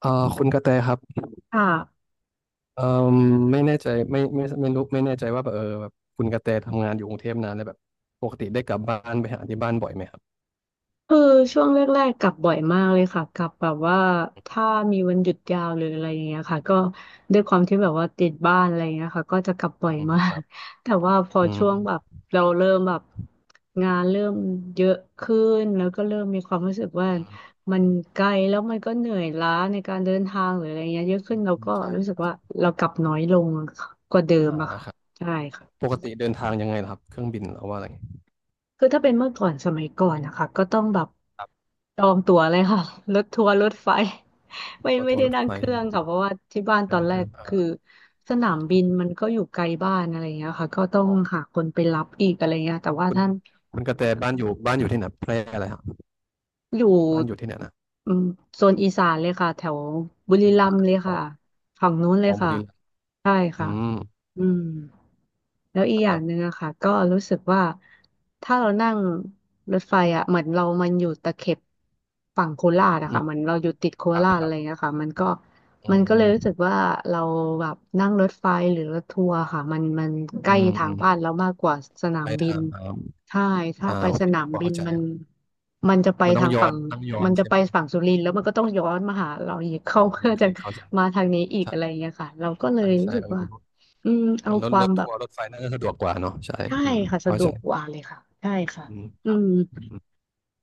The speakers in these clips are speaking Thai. คุณกระแตครับค่ะเอ่อไม่แน่ใจไม่รู้ไม่แน่ใจว่าแบบแบบคุณกระแตทำงานอยู่กรุงเทพนานแล้วแบบปกติได้กลับบ้านไปหาที่บ้านบ่อยไหมครับคือช่วงแรกๆกลับบ่อยมากเลยค่ะกลับแบบว่าถ้ามีวันหยุดยาวหรืออะไรอย่างเงี้ยค่ะก็ด้วยความที่แบบว่าติดบ้านอะไรอย่างเงี้ยค่ะก็จะกลับบ่ออืยมมาคก รับ แต่ว่าพออืมช่วอืงมแบบเราเริ่มแบบงานเริ่มเยอะขึ้นแล้วก็เริ่มมีความรู้สึกว่ามันไกลแล้วมันก็เหนื่อยล้าในการเดินทางหรืออะไรเงี้ยเยอะอืขึ้นมเราอืมก็ใช่รู้คสึกรับว่าเรากลับน้อยลงกว่าเดิมอ่าอะค่ะครับใช่ค่ะ ปกติเดินทางยังไงล่ะครับเครื่องบินหรือว่าอะไรคือถ้าเป็นเมื่อก่อนสมัยก่อนนะคะก็ต้องแบบครับจองตั๋วเลยค่ะ รถทัวร์รถไฟ ไม่รถไม่ทัวได้ร์รถนั่งไฟเครื่องค่ะเพราะว่าที่บ้านเคตรื่อองนแรเครื่กองคืออ่าสนามบินมันก็อยู่ไกลบ้านอะไรอย่างเงี้ยค่ะก็ต้องอ๋อหาคนไปรับอีกอะไรเงี้ยแต่ว่าคุณท่านคุณกระแตบ้านอยู่ที่ไหนแพร่อะไรครับอยู่บ้านอยู่ที่ไหนนะอืมโซนอีสานเลยค่ะแถวบุบุรีรีรัรัมมย์ย์เลยอ๋อค่ะฝั่งนู้นเลอ๋ยอบุค่ะรีรัมย์ใช่อืค่ะมอืม แล้วอีกอคย่ารังหบนึ่งอะค่ะก็รู้สึกว่าถ้าเรานั่งรถไฟอะเหมือนเรามันอยู่ตะเข็บฝั่งโคราชอะอืมค่ะเหมือนเราอยู่ติดโคครับราชคอะรัไรบเงี้ยค่ะมันก็มัอืนก็เลยมรู้สึกว่าเราแบบนั่งรถไฟหรือรถทัวร์ค่ะมันใกอืล้มทาอืงมบ้านเรามากกว่าสนาไปมบิทานงครับใช่ถ้าอ่าไปโอสเคนามพอบินเข้าใจ มันจะไปมันทางฝั่งต้องย้อมันนจะใช่ไปไหมฝั่งสุรินทร์แล้วมันก็ต้องย้อนมาหาเราอีกอ๋อเข้าเพื่อโอเคจะเข้าใจมาทางนี้อีกใช่อะไรอย่างเงี้ยค่ะเราก็เลใช่ยรู้ใช่สึกเออว่าอืมเอเอาอควารมถแบบ ทัวร์รถไฟน่าจะสะดวกกว่าเนาะใช่ใช่อืมค่ะสะเข้าดวใจกกว่าเลยค่ะใช่ค่ะอืมอืครับมอืม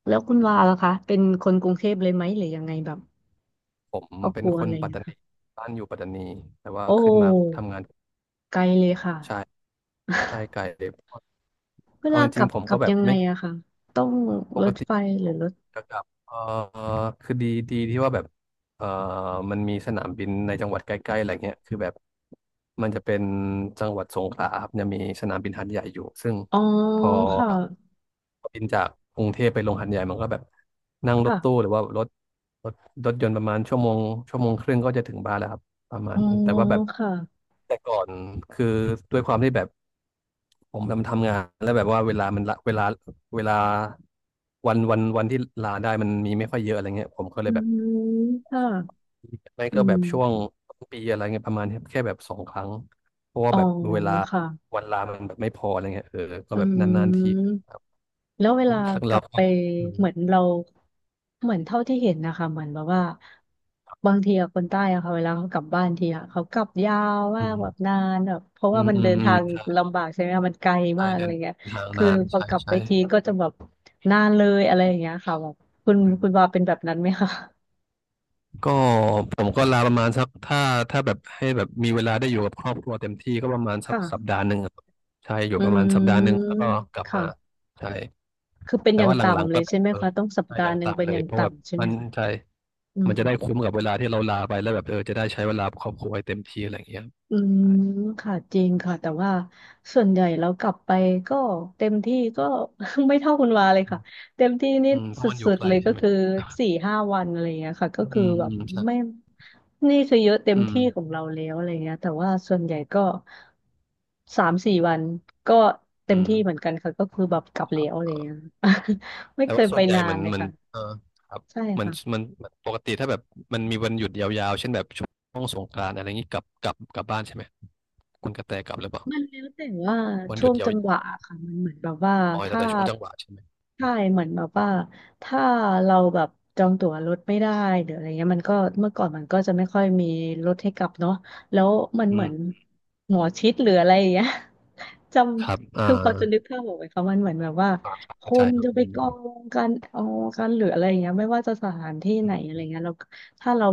แล้วคุณวาล่ะคะเป็นคนกรุงเทพเลยไหมหรือยังไงแบบผมครอบเป็คนรัวคอะนไรอย่างปัตเงี้ตายนีค่ะบ้านอยู่ปัตตานีแต่ว่าโอขึ้นมา้ทำงานไกลเลยค่ะ ใช่ใช่ไกลเลยเพราะ เวเอาลาจกริลังบๆผมกลัก็บแบบยังไงไม่ อะค่ะต้องปรกถติไฟหผรือมรถจะกลับคือดีที่ว่าแบบเอ่อมันมีสนามบินในจังหวัดใกล้ๆอะไรเงี้ยคือแบบมันจะเป็นจังหวัดสงขลาครับจะมีสนามบินหาดใหญ่อยู่ซึ่งอ๋อพอค่ะบินจากกรุงเทพไปลงหาดใหญ่มันก็แบบนั่งรถตู้ค่ะหรือว่ารถรถรถยนต์ประมาณชั่วโมงชั่วโมงครึ่งก็จะถึงบ้านแล้วครับประมาณอ๋อนี้แต่ว่าแบบค่ะแต่ก่อนคือด้วยความที่แบบผมทำงานแล้วแบบว่าเวลามันละเวลา เวลาวันที่ลาได้มันมีไม่ค่อยเยอะอะไรเงี้ยผมก็เลอืยแบบมค่ะไม่อืก็แบมบช่วงต้นปีอะไรเงี้ยประมาณเนี้ยแค่แบบสองครั้งเพราะว่าอ๋อแบบเวลาค่ะวันลามันแบบไม่พออะไรเงี้ยเออก็อืแบบนานๆทีม ครับแล้วเวลากเราลับก็ไปอืมเหมือนเราเหมือนเท่าที่เห็นนะคะเหมือนแบบว่าบางทีอะคนใต้อะค่ะเวลาเขากลับบ้านทีอะเขากลับยาวอืมากแบบมนานแบบเพราะอืว่ามมันอืเดิมนอืทามงใช่ลำบากใช่ไหมคะมันไกลใช่มากอะเดิไรนเงี้ยทางคือนานพอใช่กลับไปใช่ทีก็จะแบบนานเลยอะไรอย่างเงี้ยค่ะแบบคุณวาเป็นแบบนั้นไหมคะก็ผมก็ลาประมาณสักถ้าแบบให้แบบมีเวลาได้อยู่กับครอบครัวเต็มที่ก็ประมาณสักสัปค่ะดาห์หนึ่งอะครับใช่อยู่อืประมาณสัปดาห์หนึ่งมแล้วก็กลับมาค่ะใช่ คือเป็นแต่อย่างว่าหลังต่ำๆเลก็ยใช่ไหมเออคะต้องสัปถ้าดาอยัห์งหนึ่งเป็ต่ำนเลอยย่างเพราะวบาต่ำใช่ไหมมันคะใช่อืมัม นจะได้คุ้มกับเวลาที่เราลาไปแล้วแบบเออจะได้ใช้เวลากับครอบครัวให้เต็มที่อะไรอย่างเงี้ยอืมใช่ค่ะจริงค่ะแต่ว่าส่วนใหญ่เรากลับไปก็เต็มที่ก็ ไม่เท่าคุณวาเลยค่ะเต็มที่นี่อืมเพสราะมันอุยู่ดไกๆลเลยก็ใช่ไหมคือสี่ห้าวันอะไรเงี้ยค่ะก็อืคือมแบอืบมใช่ไม่นี่คือเยอะเต็มอืมที่ของเราแล้วอะไรเงี้ยแต่ว่าส่วนใหญ่ก็สามสี่วันก็เต็อืมมที่เหมือนกันค่ะก็คือแบบกลับแล้วอะไรเออเงี้ย ไม่แต่เคยว่าส่ไปวนใหญ่นาเหมืนอนเลยเหมันค่ะเออครับใช่เหมันค่ะ มันปกติถ้าแบบมันมีวันหยุดยาวๆเช่นแบบช่วงสงกรานต์อะไรอย่างนี้กลับบ้านใช่ไหมคุณกระแตกลับหรือเปล่ามันแล้วแต่ว่าวันหช่ยุวดงยาวจังหวะค่ะมันเหมือนแบบว่าๆอ๋อแล้วถ้าแต่ช่วงจังหวะใช่ไหมใช่เหมือนแบบว่าถ้าเราแบบจองตั๋วรถไม่ได้หรืออะไรเงี้ยมันก็เมื่อก่อนมันก็จะไม่ค่อยมีรถให้กลับเนาะแล้วมันอืเหมืมอนหมอชิดหรืออะไรอย่างเงี้ย จครับำอ่าคือพอจะนึกภาพออกไหมคะมันเหมือนแบบว่าอ่าครับคเข้าใจนครับจะอไปกองกันเอากันหรืออะไรอย่างเงี้ยไม่ว่าจะสถานที่ืไหนอะไรเงี้ย ม ถ้าเรา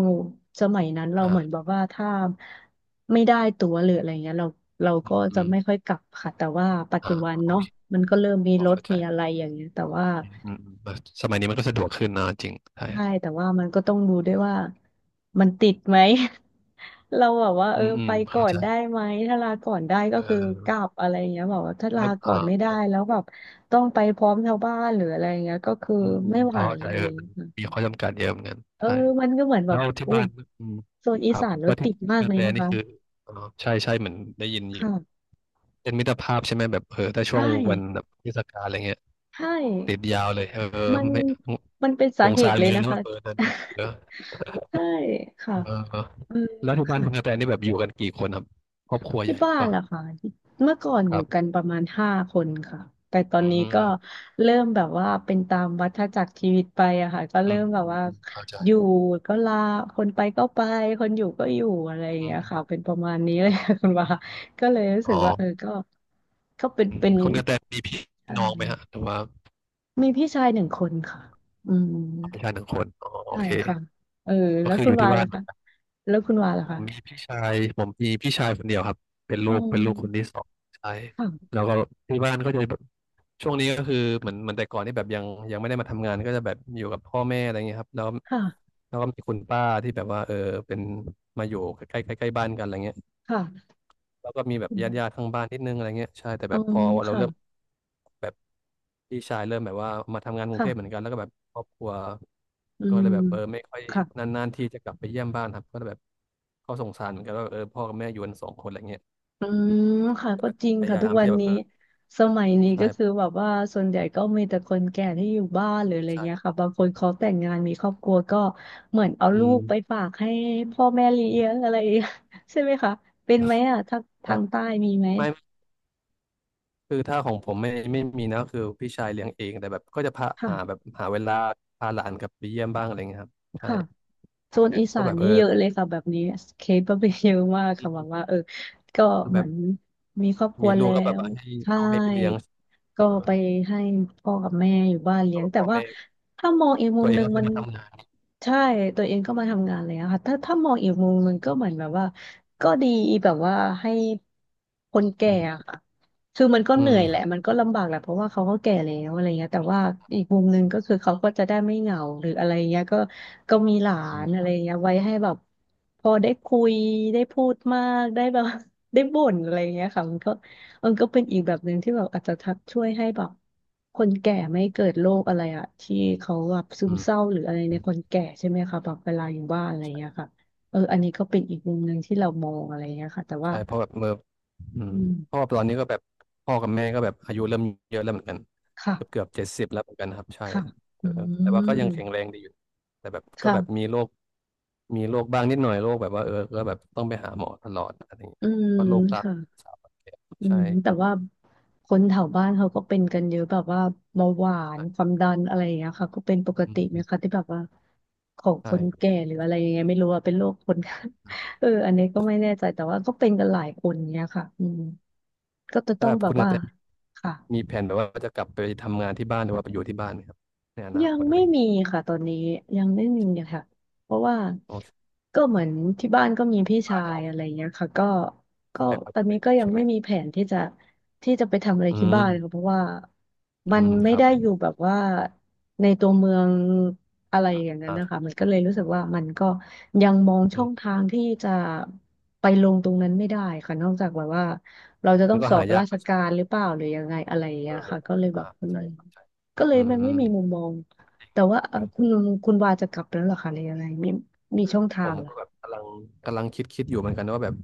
สมัยนั้นเราเหมือนแบอ่าบว่าถ้าไม่ได้ตั๋วหรืออะไรเงี้ยเราก็อืจะไม่มค่อยกลับค่ะแต่ว่าปัจอ่าจุบันโอเนาะเคมันก็เริ่มมีพอรถเข้าใจมีอะไรอย่างเงี้ยแต่ว่าอืมอืมอืมสมัยนี้มันก็สะดวกขึ้นนะจริงใช่คใช่รับแต่ว่ามันก็ต้องดูด้วยว่ามันติดไหม เราแบบว่าอืเออมอืไปมก่อเข้านใจได้ไหมถ้าลาก่อนได้เก็คือกลัออบอะไรเงี้ยบอกว่าถ้าลาแล้วก่ออ่านไม่ได้แล้วแบบต้องไปพร้อมชาวบ้านหรืออะไรเงี้ยก็คืออืมอืมไม่ไหวเข้าใจอะเอไรอมัเงี้นยค่ะมีข้อจำกัดเยอะเหมือนกันเออใช่มันก็เหมือนแบแล้บวที่อู้บ้านอืมโซนคอีรับสานรแล้วถที่ติดมากกระเลแตยนะนี่คะ คือเอ๋อใช่ใช่เหมือนได้ยินอยู่ค่ะเป็นมิตรภาพใช่ไหมแบบเออถ้าช่วใช่งวันแบบเทศกาลอะไรเงี้ยใช่ติดยาวเลยเออมันไม่มันเป็นสาสงเหสาตุรเลเหมืยอนกันะนนะแบคะ บเออเดินทางเยอะ ใช่ค่ะเออเออแล้วที่บ้านค่ะคุณกระแตนี่แบบอยู่กันกี่คนครับครอบครัวใหที่ญ่หบ้ารือเปนล่า ล่ะค่ะที่เมื่อก่อนคอยู่รักันบประมาณ5 คนค่ะแต่ตอนอืนี้มก็เริ่มแบบว่าเป็นตามวัฏจักรชีวิตไปอะค่ะก็อืเริ่มมแบบอืมว่าอืมเข้าใจอยู่ก็ลาคนไปก็ไปคนอยู่ก็อยู่อะไรอย่างอืเงี้มยอืมค่ะเป็นประมาณนี้คเลยรับค่ะคุณว่า ก็เลยรู้สึอ๋อกว่าเออก็ก็เป็นอืมเป็นคุณกระแตมีพี่อะน้องไรไหมฮะหรือว่ามีพี่ชาย1 คนค่ะอืม พี่ชายหนึ่งคนอ๋อโอใช่เคค่ะเออก็แล้วคือคุอณยู่วาที่นบ้าล่ะนคะแล้วคุณวาล่ะคะมีพี่ชายผมมีพี่ชายคนเดียวครับ อ๋อเป็นลูกคนที่สองใช่ค่ะแล้วก็ที่บ้านก็จะแบบช่วงนี้ก็คือเหมือนแต่ก่อนที่แบบยังไม่ได้มาทำงานก็จะแบบอยู่กับพ่อแม่อะไรเงี้ยครับแล้วค่ะแล้วก็มีคุณป้าที่แบบว่าเออเป็นมาอยู่ใกล้ใกล้ใกล้บ้านกันอะไรเงี้ย ค่ะแล้วก็มีแบบอืมญาติข้างบ้านนิดนึงอะไรเงี้ยใช่แต่อ๋แบอบพอเราค่ะเริ่มแบบพี่ชายเริ่มแบบว่ามาทำงานกรุงค่ะเทพเหมือนกันแล้วก็แบบครอบครัวอืก็มเลยแบบเออไม่ค่อยค่ะนานๆที่จะกลับไปเยี่ยมบ้านครับก็เลยแบบก็สงสารเหมือนกันว่าเออพ่อกับแม่อยู่กันสองคนอะไรเงี้ยอืมค่ะก็จริงพยาค่ะยาทุกมวัที่นจะแบบนี้เออสมัยนี้ก็คือใช่แบบว่าส่วนใหญ่ก็มีแต่คนแก่ที่อยู่บ้านหรืออะไรเงี้ยใช่ค่ะบางคนเขาแต่งงานมีครอบครัวก็เหมือนเอาอืลูมกไปฝากให้พ่อแม่เลี้ยงอะไร ใช่ไหมคะเป็นไหมอ่ะทางทาแต่งใต้มีไหมไม่คือถ้าของผมไม่มีนะคือพี่ชายเลี้ยงเองแต่แบบก็จะพาค่ะหาแบบหาเวลาพาหลานกลับไปเยี่ยมบ้างอะไรเงี้ยครับใช่ค่ะ โซนแต่อีสาก็นแบบเอนี่อเยอะเลยค่ะแบบนี้เคสก็เป็นเยอะมากค่ะแบบว่าเออก็คือเหแบมือบนมีครอบครัวมีลูแล้กก็แบบวให้ใช่เอาให้ไปเลี้ยง ก็เออไปให้พ่อกับแม่อยู่บ้านเลี้ก็ยงแบบแต่พ่อว่าแม่ถ้ามองอีกมุตัวมเอหงนึ่งก็คืมัอนมาทำงานใช่ตัวเองก็มาทำงานแล้วค่ะถ้ามองอีกมุมหนึ่งก็เหมือนแบบว่าก็ดีแบบว่าให้คนแก่อือะมค่ะ คือมันก็อืเหนื่มอยแหครัละบมันก็ลำบากแหละเพราะว่าเขาก็แก่แล้วอะไรเงี้ยแต่ว่าอีกมุมหนึ่งก็คือเขาก็จะได้ไม่เหงาหรืออะไรเงี้ยก็ก็มีหลาอืนมอะไรเงี้ยไว้ให้แบบพอได้คุยได้พูดมากได้แบบ ได้บ่นอะไรเงี้ยค่ะมันก็เป็นอีกแบบหนึ่งที่แบบอาจจะทักช่วยให้แบบคนแก่ไม่เกิดโรคอะไรอะที่เขาแบบซึอืมมเศร้าหรืออะไรในอืมคนแก่ใช่ไหมคะแบบเวลาอยู่บ้านอะไรเงี้ใช่ยค่ะเอออันนี้ก็เป็นอีกมุมหนึ่งที่เรามองอะไรเงี้ยค่ะแต่ว่าใช่เพราะแบบเมื่ออือืมเพราะมว่อตอนนี้ก็แบบพ่อกับแม่ก็แบบอายุเริ่มเยอะแล้วเหมือนกันค่ะ เกือบ70แล้วเหมือนกันครับใช่ค่ะเออือแต่ว่าก็ยังแข็งแรมงดีอยู่แต่แบบก็ค่ะแบบมีโรคบ้างนิดหน่อยโรคแบบว่าเออก็แบบต้องไปหาหมอตลอดอะไรอย่างเงี้อืยมก็โรคตาค่ะ สาวแก่อืใช่ม แต่ว่าคนแถวบ้านเขาก็เป็นกันเยอะแบบว่าเบาหวานคใช่วามดันอะไรอย่างเงี้ยค่ะก็เป็นปกอืติไหมคะมที่แบบว่าของคนใช่แก่หรืออะไรยังไงไม่รู้ว่าเป็นโรคคน เอออันนี้ก็ไม่แน่ใจแต่ว่าก็เป็นกันหลายคนเนี้ยค่ะอืมก็จะต้ถ้าองแบบแบคุบณกว่าระแตค่ะ มีแผนแบบว่าจะกลับไปทำงานที่บ้านหรือว่าไปอยู่ที่บ้านไหมครับในอนายัคงตอะไม่ไรอย่างมีเงี้ยค่ะตอนนี้ยังไม่มีค่ะเพราะว่าโอเค ก็เหมือนที่บ้านก็มีพี่ที่บ้าชานยังยโอเคอะไรเงี้ยค่ะก็ก็ไฟพอตอดูนแลนี้อก็ยู่ยังใช่ไหมไม่มีแผนที่จะไปทำอะไรอืที่มบ้านเลยค่ะเพราะว่ามัอืนมไม่ครับได้อยู่แบบว่าในตัวเมืองอะไรอย่างนั้นนะคะอ่ามันก็เลยรู้สึกว่ามันก็ยังมองอืช่องมทางที่จะไปลงตรงนั้นไม่ได้ค่ะนอกจากแบบว่าเราจะต้อมังนก็สอหาบยารากชก็การหรือเปล่าหรือยังไงอะไรอย่างเงี้เอยอค่ะก็เลยแบอ่าบอืเข้าใจม เข้าใจก็เลอืยมันไม่มมีมุมมองแต่ว่าก็จเอ่อริงคุณคุณวาจะกลับแล้วเหรอคะหรือยังไงมีมีคือช่องทาผงมเหรอก็แบบกำลังคิดอยู่เหมือนกันว่าแบบ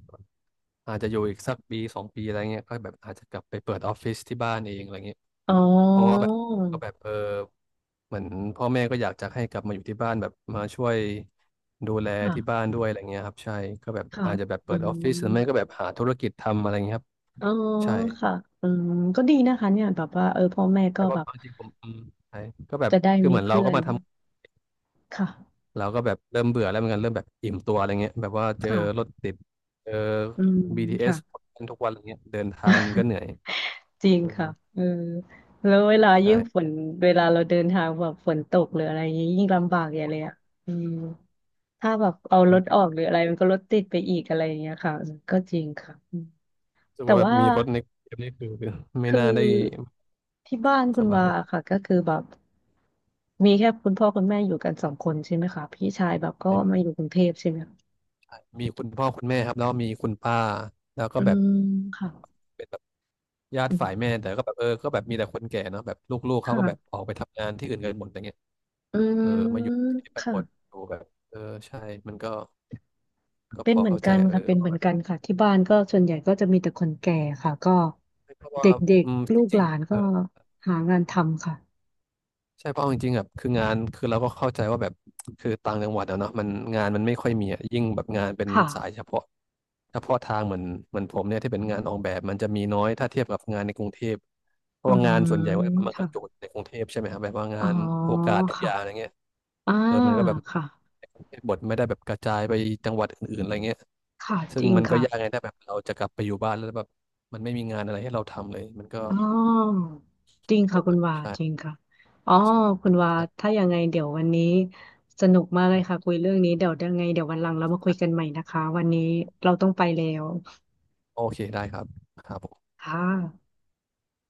อาจจะอยู่อีกสักปีสองปีอะไรเงี้ยก็แบบอาจจะกลับไปเปิดออฟฟิศที่บ้านเองอะไรเงี้ยอ๋อเพราะว่าแบบก็แบบเออเหมือนพ่อแม่ก็อยากจะให้กลับมาอยู่ที่บ้านแบบมาช่วยดูแลที่บ้าค่ะนด้วยอะไรเงี้ยครับใช่ก็แบบค่ะอาจจะแบบอืเปิดมออฟฟิศหรือไม่ก็แบบหาธุรกิจทำอะไรเงี้ยครับอ๋อใช่ ค่ะอืมก็ดีนะคะเนี่ยแบบว่าเออพ่อแม่ก็ใช่แบว่าบจริงๆผมใช่ก็แบบจะได้คือมีเหมือนเราเพื่อก็นมาทค่ะำเราก็แบบเริ่มเบื่อแล้วเหมือนกันเริ่มแบบอิ่มตัวอะไรเงี้ยแบบว่าเจอรถค่ะติดเจอ อืม BTS ทเอสค่ะทุกวันอะไรเงี้ยเดินทางมันก็เหนื่อยจริงเออค่ะเออแล้วเวลายิ่ใช่งฝนเวลาเราเดินทางแบบฝนตกหรืออะไรอย่างงี้ยิ่งลำบากอย่างเลยอ่ะอืม ถ้าแบบเอารถออรูกหรืออะไรมันก็รถติดไปอีกอะไรอย่างเงี้ยค่ะก็จริงค่ะอืม้สึกแต่ว่าแบบว่ามีรถในกรุงเทพนี่คือไม่คือน่าได้ที่บ้านสคุณบาวายค่ะก็คือแบบมีแค่คุณพ่อคุณแม่อยู่กันสองคนใช่ไหมคะพี่ชายแบบก็ใช่มามีอยู่กรุงเทพใช่ไหมคะใช่มีคุณพ่อคุณแม่ครับแล้วก็มีคุณป้าแล้วก็อืแบบมค่ะเป็นแบบญาติอืมฝ่ายแม่แต่ก็แบบเออก็แบบมีแต่คนแก่เนาะแบบลูกๆเขาก็แบบอค่ะอกไปทำงานที่อื่นกันหมดอะไรเงี้ยอืมเออมาอยู่ที่บ้านค่ะหมดดูแบบเออใช่มันก็ ก็เป็พนอเหมือนเข้าใจกันเออค่ะเป็นเหว่ามือแบนบกันค่ะที่บ้านก็ส่วนใหญ่ก็จะมีแต่คนแก่ค่ะก็เพราะเดว่า็กอืมๆลูจกหริงลานๆเอก็อ หางานทำค่ะใช่เพราะเอาจริงๆแบบคืองานคือเราก็เข้าใจว่าแบบคือต่างจังหวัดอะเนาะมันงานมันไม่ค่อยมีอะยิ่งแบบงานเป็นค่ะสายเฉพาะเฉพาะทางเหมือนผมเนี่ยที่เป็นงานออกแบบมันจะมีน้อยถ้าเทียบกับงานในกรุงเทพเพอืราะว่างานส่วนใหญ่มว่ามันกค่ะ ระจุกในกรุงเทพใช่ไหมครับแบบว่าอ๋งาอนโอกาสทุกอค่ะย่างอะไรเงี้ยอ่าเออมันก็แบบค่ะในกรุงเทพบทไม่ได้แบบกระจายไปจังหวัดอื่นๆอะไรเงี้ยค่ะซึ่จงริงมันก็ค่ะ ยากไงถ้าแบบเราจะกลับไปอยู่บ้านแล้วแบบมันไม่มีงานอะไรให้เราทำเลยมันก็อ๋อจริงค่ะคุณวาจริงใช่ค่ะอ๋อใคุณวาช่ ถ้ายังไงเดี๋ยววันนี้สนุกมากเลยค่ะคุยเรื่องนี้เดี๋ยวยังไงเดี๋ยววันหลังเรามาคุยกันใหม่นะคะวันนี้เราต้องไปแล้วโอเคได้ครับครับผมค่ะ